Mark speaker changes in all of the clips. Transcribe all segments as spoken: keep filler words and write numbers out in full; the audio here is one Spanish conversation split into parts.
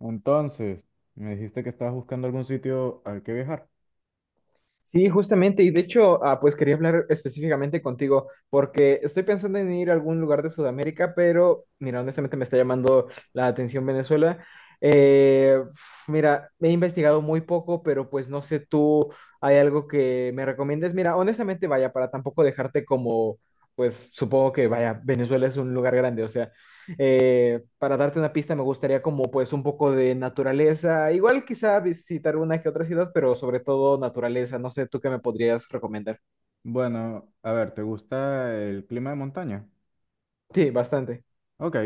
Speaker 1: Entonces, me dijiste que estabas buscando algún sitio al que viajar.
Speaker 2: Sí, justamente, y de hecho, ah, pues quería hablar específicamente contigo, porque estoy pensando en ir a algún lugar de Sudamérica, pero mira, honestamente me está llamando la atención Venezuela. Eh, f- mira, he investigado muy poco, pero pues no sé tú, ¿hay algo que me recomiendes? Mira, honestamente, vaya, para tampoco dejarte como, pues supongo que, vaya, Venezuela es un lugar grande, o sea, eh, para darte una pista, me gustaría como pues un poco de naturaleza, igual quizá visitar una que otra ciudad, pero sobre todo naturaleza, no sé, ¿tú qué me podrías recomendar?
Speaker 1: Bueno, a ver, ¿te gusta el clima de montaña?
Speaker 2: Sí, bastante.
Speaker 1: Ok.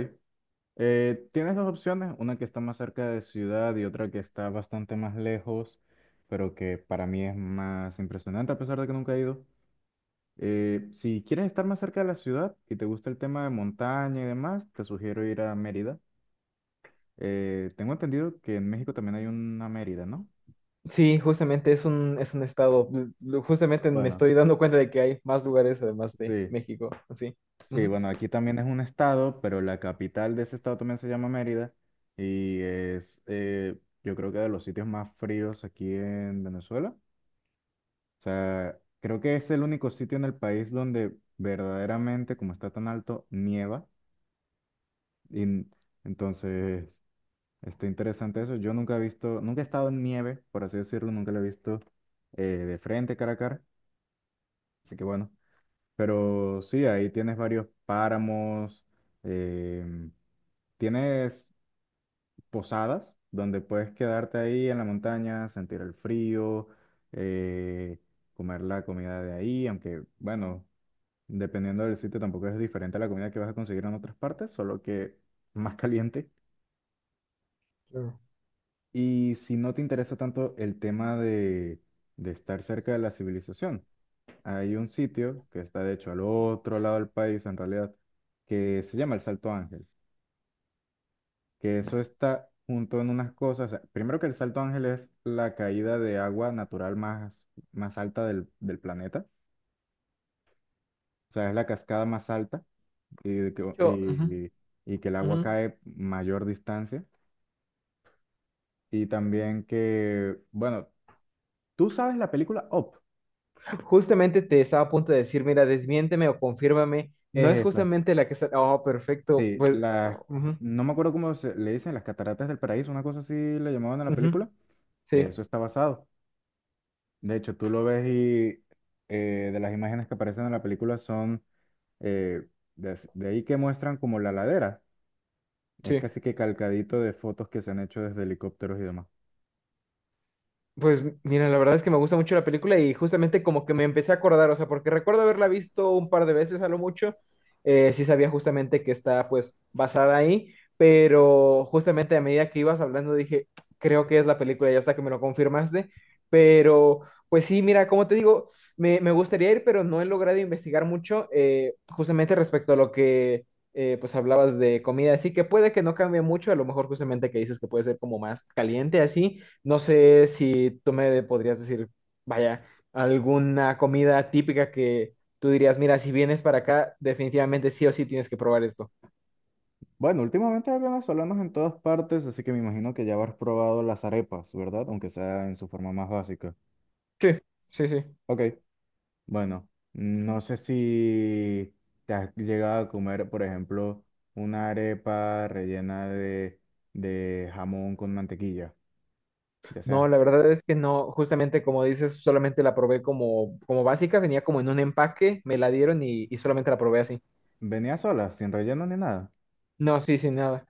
Speaker 1: Eh, tienes dos opciones, una que está más cerca de ciudad y otra que está bastante más lejos, pero que para mí es más impresionante a pesar de que nunca he ido. Eh, si quieres estar más cerca de la ciudad y te gusta el tema de montaña y demás, te sugiero ir a Mérida. Eh, tengo entendido que en México también hay una Mérida, ¿no?
Speaker 2: Sí, justamente es un, es un estado, l- justamente me
Speaker 1: Bueno,
Speaker 2: estoy dando cuenta de que hay más lugares además de
Speaker 1: sí.
Speaker 2: México, así.
Speaker 1: Sí,
Speaker 2: Ujú.
Speaker 1: bueno, aquí también es un estado, pero la capital de ese estado también se llama Mérida y es, eh, yo creo que de los sitios más fríos aquí en Venezuela. O sea, creo que es el único sitio en el país donde verdaderamente, como está tan alto, nieva. Y n- entonces, está interesante eso. Yo nunca he visto, nunca he estado en nieve, por así decirlo, nunca lo he visto eh, de frente, cara a cara. Así que bueno, pero sí, ahí tienes varios páramos. em, Tienes posadas donde puedes quedarte ahí en la montaña, sentir el frío, eh, comer la comida de ahí, aunque bueno, dependiendo del sitio tampoco es diferente a la comida que vas a conseguir en otras partes, solo que más caliente.
Speaker 2: Claro.
Speaker 1: Y si no te interesa tanto el tema de, de estar cerca de la civilización, hay un sitio que está de hecho al otro lado del país en realidad, que se llama el Salto Ángel, que eso está junto en unas cosas. O sea, primero que el Salto Ángel es la caída de agua natural más, más alta del, del planeta. O sea, es la cascada más alta y, de que,
Speaker 2: Yo, ujú,
Speaker 1: y, y que el agua
Speaker 2: ujú.
Speaker 1: cae mayor distancia. Y también que, bueno, tú sabes la película Up,
Speaker 2: Justamente te estaba a punto de decir, mira, desmiénteme o confírmame, no es
Speaker 1: es esa.
Speaker 2: justamente la que está, oh, perfecto,
Speaker 1: Sí,
Speaker 2: pues, ah,
Speaker 1: la,
Speaker 2: ujú,
Speaker 1: no me acuerdo cómo se, le dicen, las cataratas del paraíso, una cosa así le llamaban a la
Speaker 2: ujú.
Speaker 1: película.
Speaker 2: Sí,
Speaker 1: Eso está basado. De hecho, tú lo ves y eh, de las imágenes que aparecen en la película son eh, des- de, ahí que muestran como la ladera. Es
Speaker 2: sí.
Speaker 1: casi que calcadito de fotos que se han hecho desde helicópteros y demás.
Speaker 2: Pues mira, la verdad es que me gusta mucho la película y justamente como que me empecé a acordar, o sea, porque recuerdo haberla visto un par de veces a lo mucho, eh, sí sabía justamente que está pues basada ahí, pero justamente a medida que ibas hablando dije, creo que es la película y hasta que me lo confirmaste, pero pues sí, mira, como te digo, me, me gustaría ir, pero no he logrado investigar mucho eh, justamente respecto a lo que eh, pues hablabas de comida, así que puede que no cambie mucho, a lo mejor justamente que dices que puede ser como más caliente así. No sé si tú me podrías decir, vaya, alguna comida típica que tú dirías, mira, si vienes para acá, definitivamente sí o sí tienes que probar esto.
Speaker 1: Bueno, últimamente hay venezolanos en todas partes, así que me imagino que ya habrás probado las arepas, ¿verdad? Aunque sea en su forma más básica.
Speaker 2: Sí, sí, sí.
Speaker 1: Ok, bueno, no sé si te has llegado a comer, por ejemplo, una arepa rellena de, de jamón con mantequilla, ya
Speaker 2: No,
Speaker 1: sea,
Speaker 2: la verdad es que no, justamente como dices, solamente la probé como, como básica, venía como en un empaque, me la dieron y, y solamente la probé así.
Speaker 1: venía sola, sin relleno ni nada.
Speaker 2: No, sí, sin nada.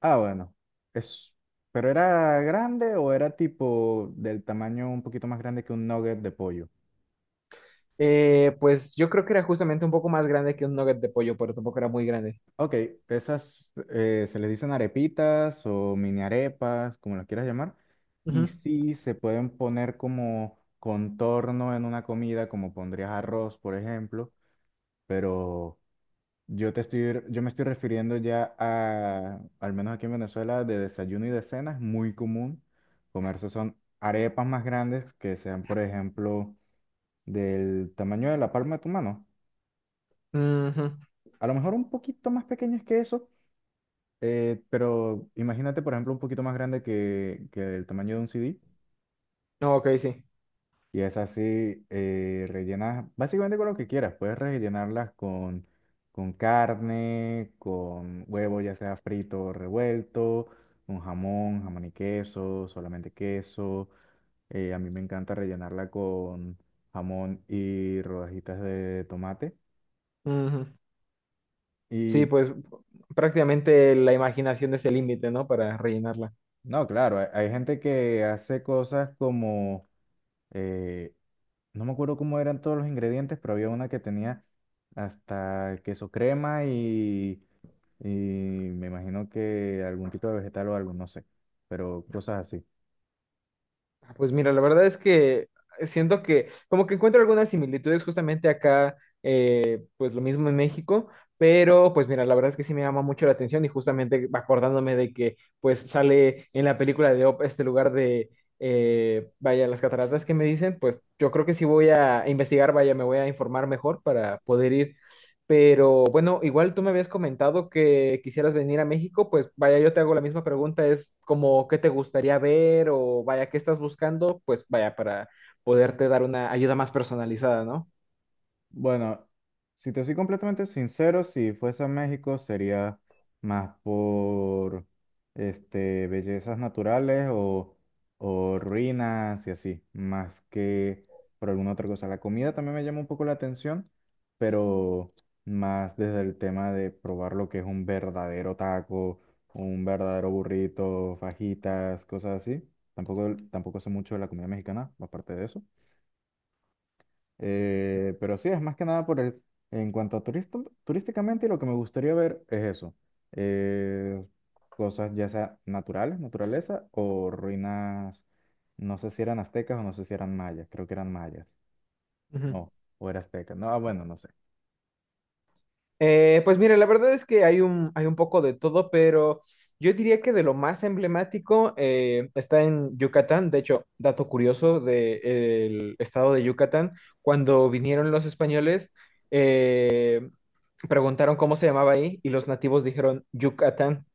Speaker 1: Ah, bueno. Es... ¿Pero era grande o era tipo del tamaño un poquito más grande que un nugget de pollo?
Speaker 2: Eh, pues yo creo que era justamente un poco más grande que un nugget de pollo, pero tampoco era muy grande.
Speaker 1: Ok, esas eh, se les dicen arepitas o mini arepas, como las quieras llamar. Y
Speaker 2: Ujú.
Speaker 1: sí, se pueden poner como contorno en una comida, como pondrías arroz, por ejemplo, pero... Yo te estoy, yo me estoy refiriendo ya a, al menos aquí en Venezuela, de desayuno y de cena, es muy común comerse son arepas más grandes que sean, por ejemplo, del tamaño de la palma de tu mano.
Speaker 2: Ujú.
Speaker 1: A lo mejor un poquito más pequeñas que eso, eh, pero imagínate, por ejemplo, un poquito más grande que, que el tamaño de un C D.
Speaker 2: No, ok, sí.
Speaker 1: Y es así, eh, rellenas básicamente con lo que quieras. Puedes rellenarlas con, con carne, con huevo, ya sea frito o revuelto, con jamón, jamón y queso, solamente queso. Eh, a mí me encanta rellenarla con jamón y rodajitas de tomate.
Speaker 2: Ujú. Sí,
Speaker 1: Y
Speaker 2: pues prácticamente la imaginación es el límite, ¿no? Para rellenarla.
Speaker 1: no, claro, hay, hay gente que hace cosas como, eh, no me acuerdo cómo eran todos los ingredientes, pero había una que tenía hasta queso crema y y me imagino que algún tipo de vegetal o algo, no sé, pero cosas así.
Speaker 2: Ah, pues mira, la verdad es que siento que como que encuentro algunas similitudes justamente acá, eh, pues lo mismo en México, pero pues mira, la verdad es que sí me llama mucho la atención y justamente acordándome de que pues sale en la película de Op este lugar de, eh, vaya, las cataratas que me dicen, pues yo creo que sí voy a investigar, vaya, me voy a informar mejor para poder ir. Pero bueno, igual tú me habías comentado que quisieras venir a México, pues vaya, yo te hago la misma pregunta, es como qué te gustaría ver o vaya, qué estás buscando, pues vaya, para poderte dar una ayuda más personalizada, ¿no?
Speaker 1: Bueno, si te soy completamente sincero, si fuese a México sería más por este, bellezas naturales o, o ruinas y así, más que por alguna otra cosa. La comida también me llama un poco la atención, pero más desde el tema de probar lo que es un verdadero taco, un verdadero burrito, fajitas, cosas así. Tampoco, tampoco sé mucho de la comida mexicana, aparte de eso. Eh, pero sí, es más que nada por el, en cuanto a turisto- turísticamente, lo que me gustaría ver es eso. eh, Cosas ya sea naturales, naturaleza, o ruinas, no sé si eran aztecas o no sé si eran mayas, creo que eran mayas.
Speaker 2: Ujú.
Speaker 1: No, o era azteca. No, ah, bueno, no sé.
Speaker 2: Eh, pues mira, la verdad es que hay un, hay un poco de todo, pero yo diría que de lo más emblemático eh, está en Yucatán. De hecho, dato curioso del estado de Yucatán, cuando vinieron los españoles, eh, preguntaron cómo se llamaba ahí y los nativos dijeron Yucatán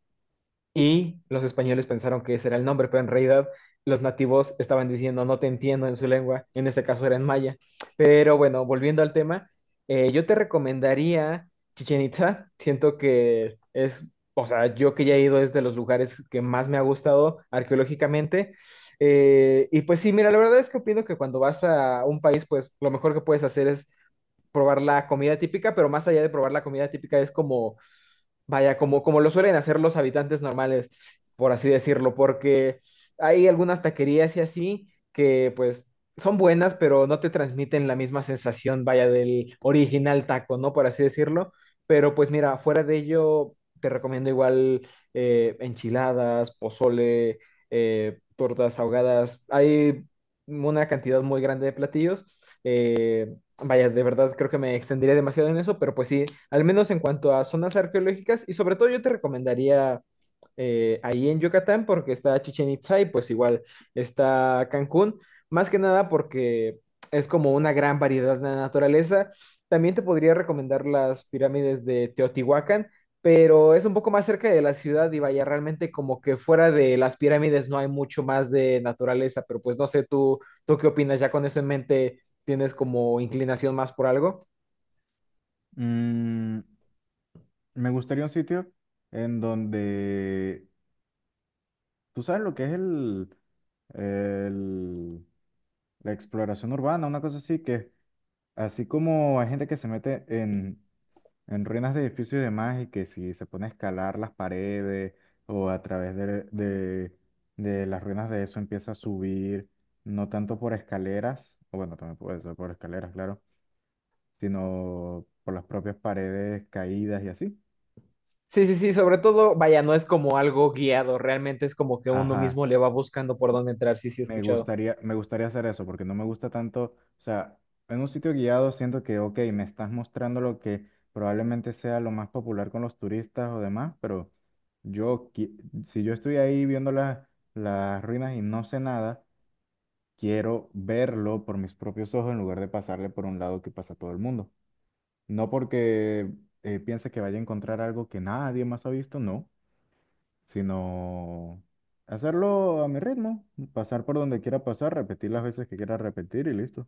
Speaker 2: y los españoles pensaron que ese era el nombre, pero en realidad los nativos estaban diciendo no te entiendo en su lengua, en ese caso era en maya. Pero bueno, volviendo al tema, eh, yo te recomendaría Chichen Itza, siento que es, o sea, yo que ya he ido es de los lugares que más me ha gustado arqueológicamente. Eh, y pues sí, mira, la verdad es que opino que cuando vas a un país, pues lo mejor que puedes hacer es probar la comida típica, pero más allá de probar la comida típica es como vaya, como, como lo suelen hacer los habitantes normales, por así decirlo, porque hay algunas taquerías y así que pues son buenas, pero no te transmiten la misma sensación, vaya, del original taco, ¿no? Por así decirlo. Pero pues mira, fuera de ello, te recomiendo igual eh, enchiladas, pozole, eh, tortas ahogadas. Hay una cantidad muy grande de platillos. eh, Vaya, de verdad creo que me extendería demasiado en eso, pero pues sí, al menos en cuanto a zonas arqueológicas y sobre todo yo te recomendaría eh, ahí en Yucatán porque está Chichen Itzá y pues igual está Cancún, más que nada porque es como una gran variedad de la naturaleza. También te podría recomendar las pirámides de Teotihuacán, pero es un poco más cerca de la ciudad y vaya, realmente como que fuera de las pirámides no hay mucho más de naturaleza, pero pues no sé tú, tú qué opinas ya con eso en mente tienes como inclinación más por algo.
Speaker 1: Mm, me gustaría un sitio en donde, tú sabes lo que es el, el- la exploración urbana, una cosa así, que así como hay gente que se mete en en ruinas de edificios y demás, y que si se pone a escalar las paredes o a través de, de, de las ruinas de eso empieza a subir, no tanto por escaleras, o bueno, también puede ser por escaleras, claro, sino por las propias paredes caídas y así.
Speaker 2: Sí, sí, sí, sobre todo, vaya, no es como algo guiado, realmente es como que uno
Speaker 1: Ajá.
Speaker 2: mismo le va buscando por dónde entrar, sí, sí, he
Speaker 1: Me
Speaker 2: escuchado.
Speaker 1: gustaría, me gustaría hacer eso porque no me gusta tanto, o sea, en un sitio guiado siento que, ok, me estás mostrando lo que probablemente sea lo más popular con los turistas o demás, pero yo, qui- si yo estoy ahí viendo la- las ruinas y no sé nada, quiero verlo por mis propios ojos en lugar de pasarle por un lado que pasa todo el mundo. No porque eh, piense que vaya a encontrar algo que nadie más ha visto, no, sino hacerlo a mi ritmo, pasar por donde quiera pasar, repetir las veces que quiera repetir y listo.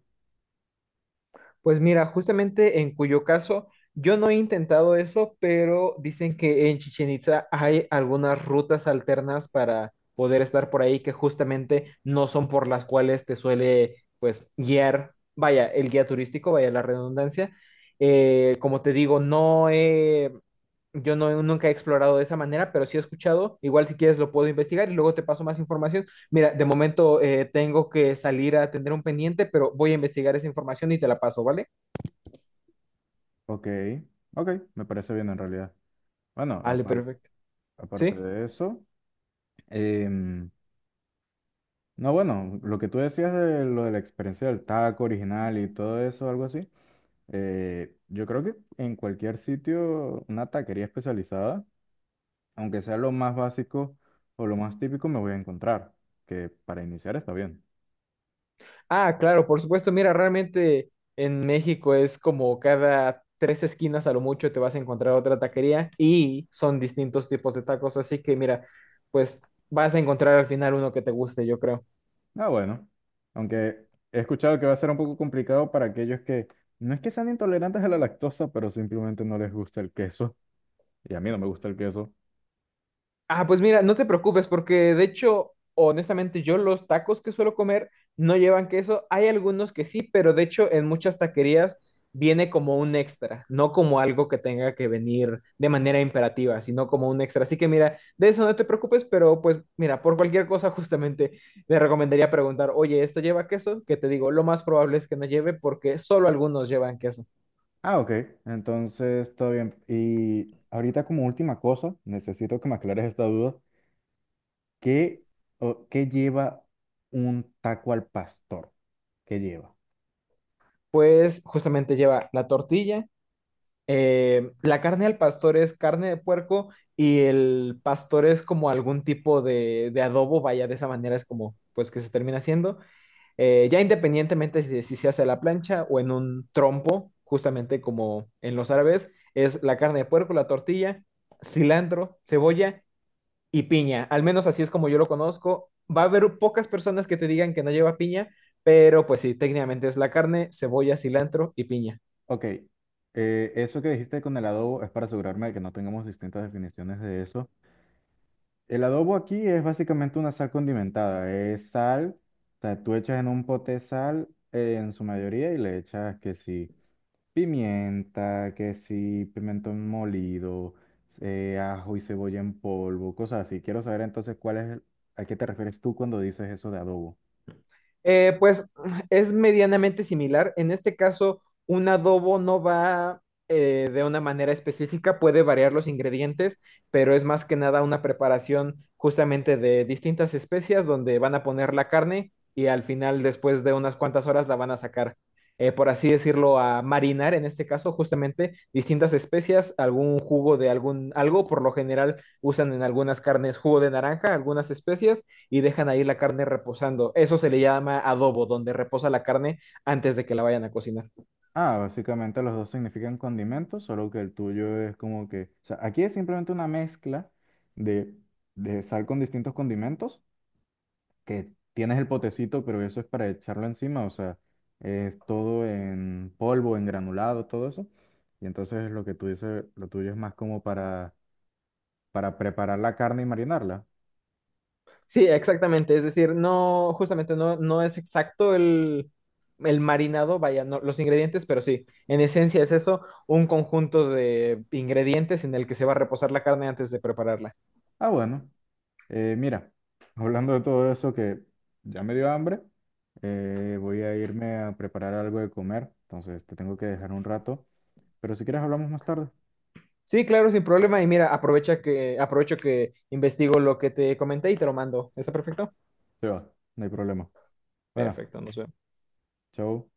Speaker 2: Pues mira, justamente en cuyo caso yo no he intentado eso, pero dicen que en Chichen Itza hay algunas rutas alternas para poder estar por ahí que justamente no son por las cuales te suele pues guiar, vaya, el guía turístico, vaya la redundancia. Eh, como te digo, no he. Yo no, nunca he explorado de esa manera, pero sí he escuchado. Igual si quieres lo puedo investigar y luego te paso más información. Mira, de momento eh, tengo que salir a atender un pendiente, pero voy a investigar esa información y te la paso, ¿vale?
Speaker 1: Ok, ok, me parece bien en realidad. Bueno,
Speaker 2: Vale,
Speaker 1: aparte,
Speaker 2: perfecto.
Speaker 1: aparte
Speaker 2: ¿Sí?
Speaker 1: de eso, em, no, bueno, lo que tú decías de lo de la experiencia del taco original y todo eso, algo así, eh, yo creo que en cualquier sitio, una taquería especializada, aunque sea lo más básico o lo más típico, me voy a encontrar, que para iniciar está bien.
Speaker 2: Ah, claro, por supuesto. Mira, realmente en México es como cada tres esquinas a lo mucho te vas a encontrar otra taquería y son distintos tipos de tacos. Así que mira, pues vas a encontrar al final uno que te guste, yo creo.
Speaker 1: Ah, bueno. Aunque he escuchado que va a ser un poco complicado para aquellos que no es que sean intolerantes a la lactosa, pero simplemente no les gusta el queso. Y a mí no me gusta el queso.
Speaker 2: Ah, pues mira, no te preocupes porque de hecho, honestamente, yo los tacos que suelo comer no llevan queso. Hay algunos que sí, pero de hecho en muchas taquerías viene como un extra, no como algo que tenga que venir de manera imperativa, sino como un extra. Así que mira, de eso no te preocupes, pero pues mira, por cualquier cosa justamente te recomendaría preguntar, oye, ¿esto lleva queso? Que te digo, lo más probable es que no lleve porque solo algunos llevan queso.
Speaker 1: Ah, ok. Entonces, todo bien. Y ahorita como última cosa, necesito que me aclares esta duda. ¿Qué, o, qué lleva un taco al pastor? ¿Qué lleva?
Speaker 2: Pues justamente lleva la tortilla eh, la carne al pastor es carne de puerco y el pastor es como algún tipo de, de adobo, vaya, de esa manera es como pues que se termina haciendo, eh, ya independientemente si, si se hace a la plancha o en un trompo, justamente como en los árabes, es la carne de puerco, la tortilla, cilantro, cebolla y piña, al menos así es como yo lo conozco, va a haber pocas personas que te digan que no lleva piña, pero pues sí, técnicamente es la carne, cebolla, cilantro y piña.
Speaker 1: Ok. Eh, eso que dijiste con el adobo es para asegurarme de que no tengamos distintas definiciones de eso. El adobo aquí es básicamente una sal condimentada. Es sal, o sea, tú echas en un pote sal eh, en su mayoría y le echas que sí, pimienta, que sí, pimentón molido, eh, ajo y cebolla en polvo, cosas así. Quiero saber entonces cuál es, el- a qué te refieres tú cuando dices eso de adobo.
Speaker 2: Eh, pues es medianamente similar. En este caso, un adobo no va eh, de una manera específica, puede variar los ingredientes, pero es más que nada una preparación justamente de distintas especias donde van a poner la carne y al final, después de unas cuantas horas, la van a sacar, eh, por así decirlo, a marinar, en este caso, justamente distintas especias, algún jugo de algún algo, por lo general usan en algunas carnes jugo de naranja, algunas especias y dejan ahí la carne reposando. Eso se le llama adobo, donde reposa la carne antes de que la vayan a cocinar.
Speaker 1: Ah, básicamente los dos significan condimentos, solo que el tuyo es como que, o sea, aquí es simplemente una mezcla de, de sal con distintos condimentos que tienes el potecito, pero eso es para echarlo encima, o sea, es todo en polvo, en granulado, todo eso. Y entonces lo que tú dices, lo tuyo es más como para, para preparar la carne y marinarla.
Speaker 2: Sí, exactamente. Es decir, no, justamente no, no es exacto el, el marinado, vaya, no, los ingredientes, pero sí, en esencia es eso, un conjunto de ingredientes en el que se va a reposar la carne antes de prepararla.
Speaker 1: Ah, bueno, eh, mira, hablando de todo eso que ya me dio hambre, eh, voy a irme a preparar algo de comer, entonces te tengo que dejar un rato, pero si quieres hablamos más tarde.
Speaker 2: Sí, claro, sin problema. Y mira, aprovecha que, aprovecho que investigo lo que te comenté y te lo mando. ¿Está perfecto?
Speaker 1: Se va, no hay problema. Bueno,
Speaker 2: Perfecto, nos vemos.
Speaker 1: chao.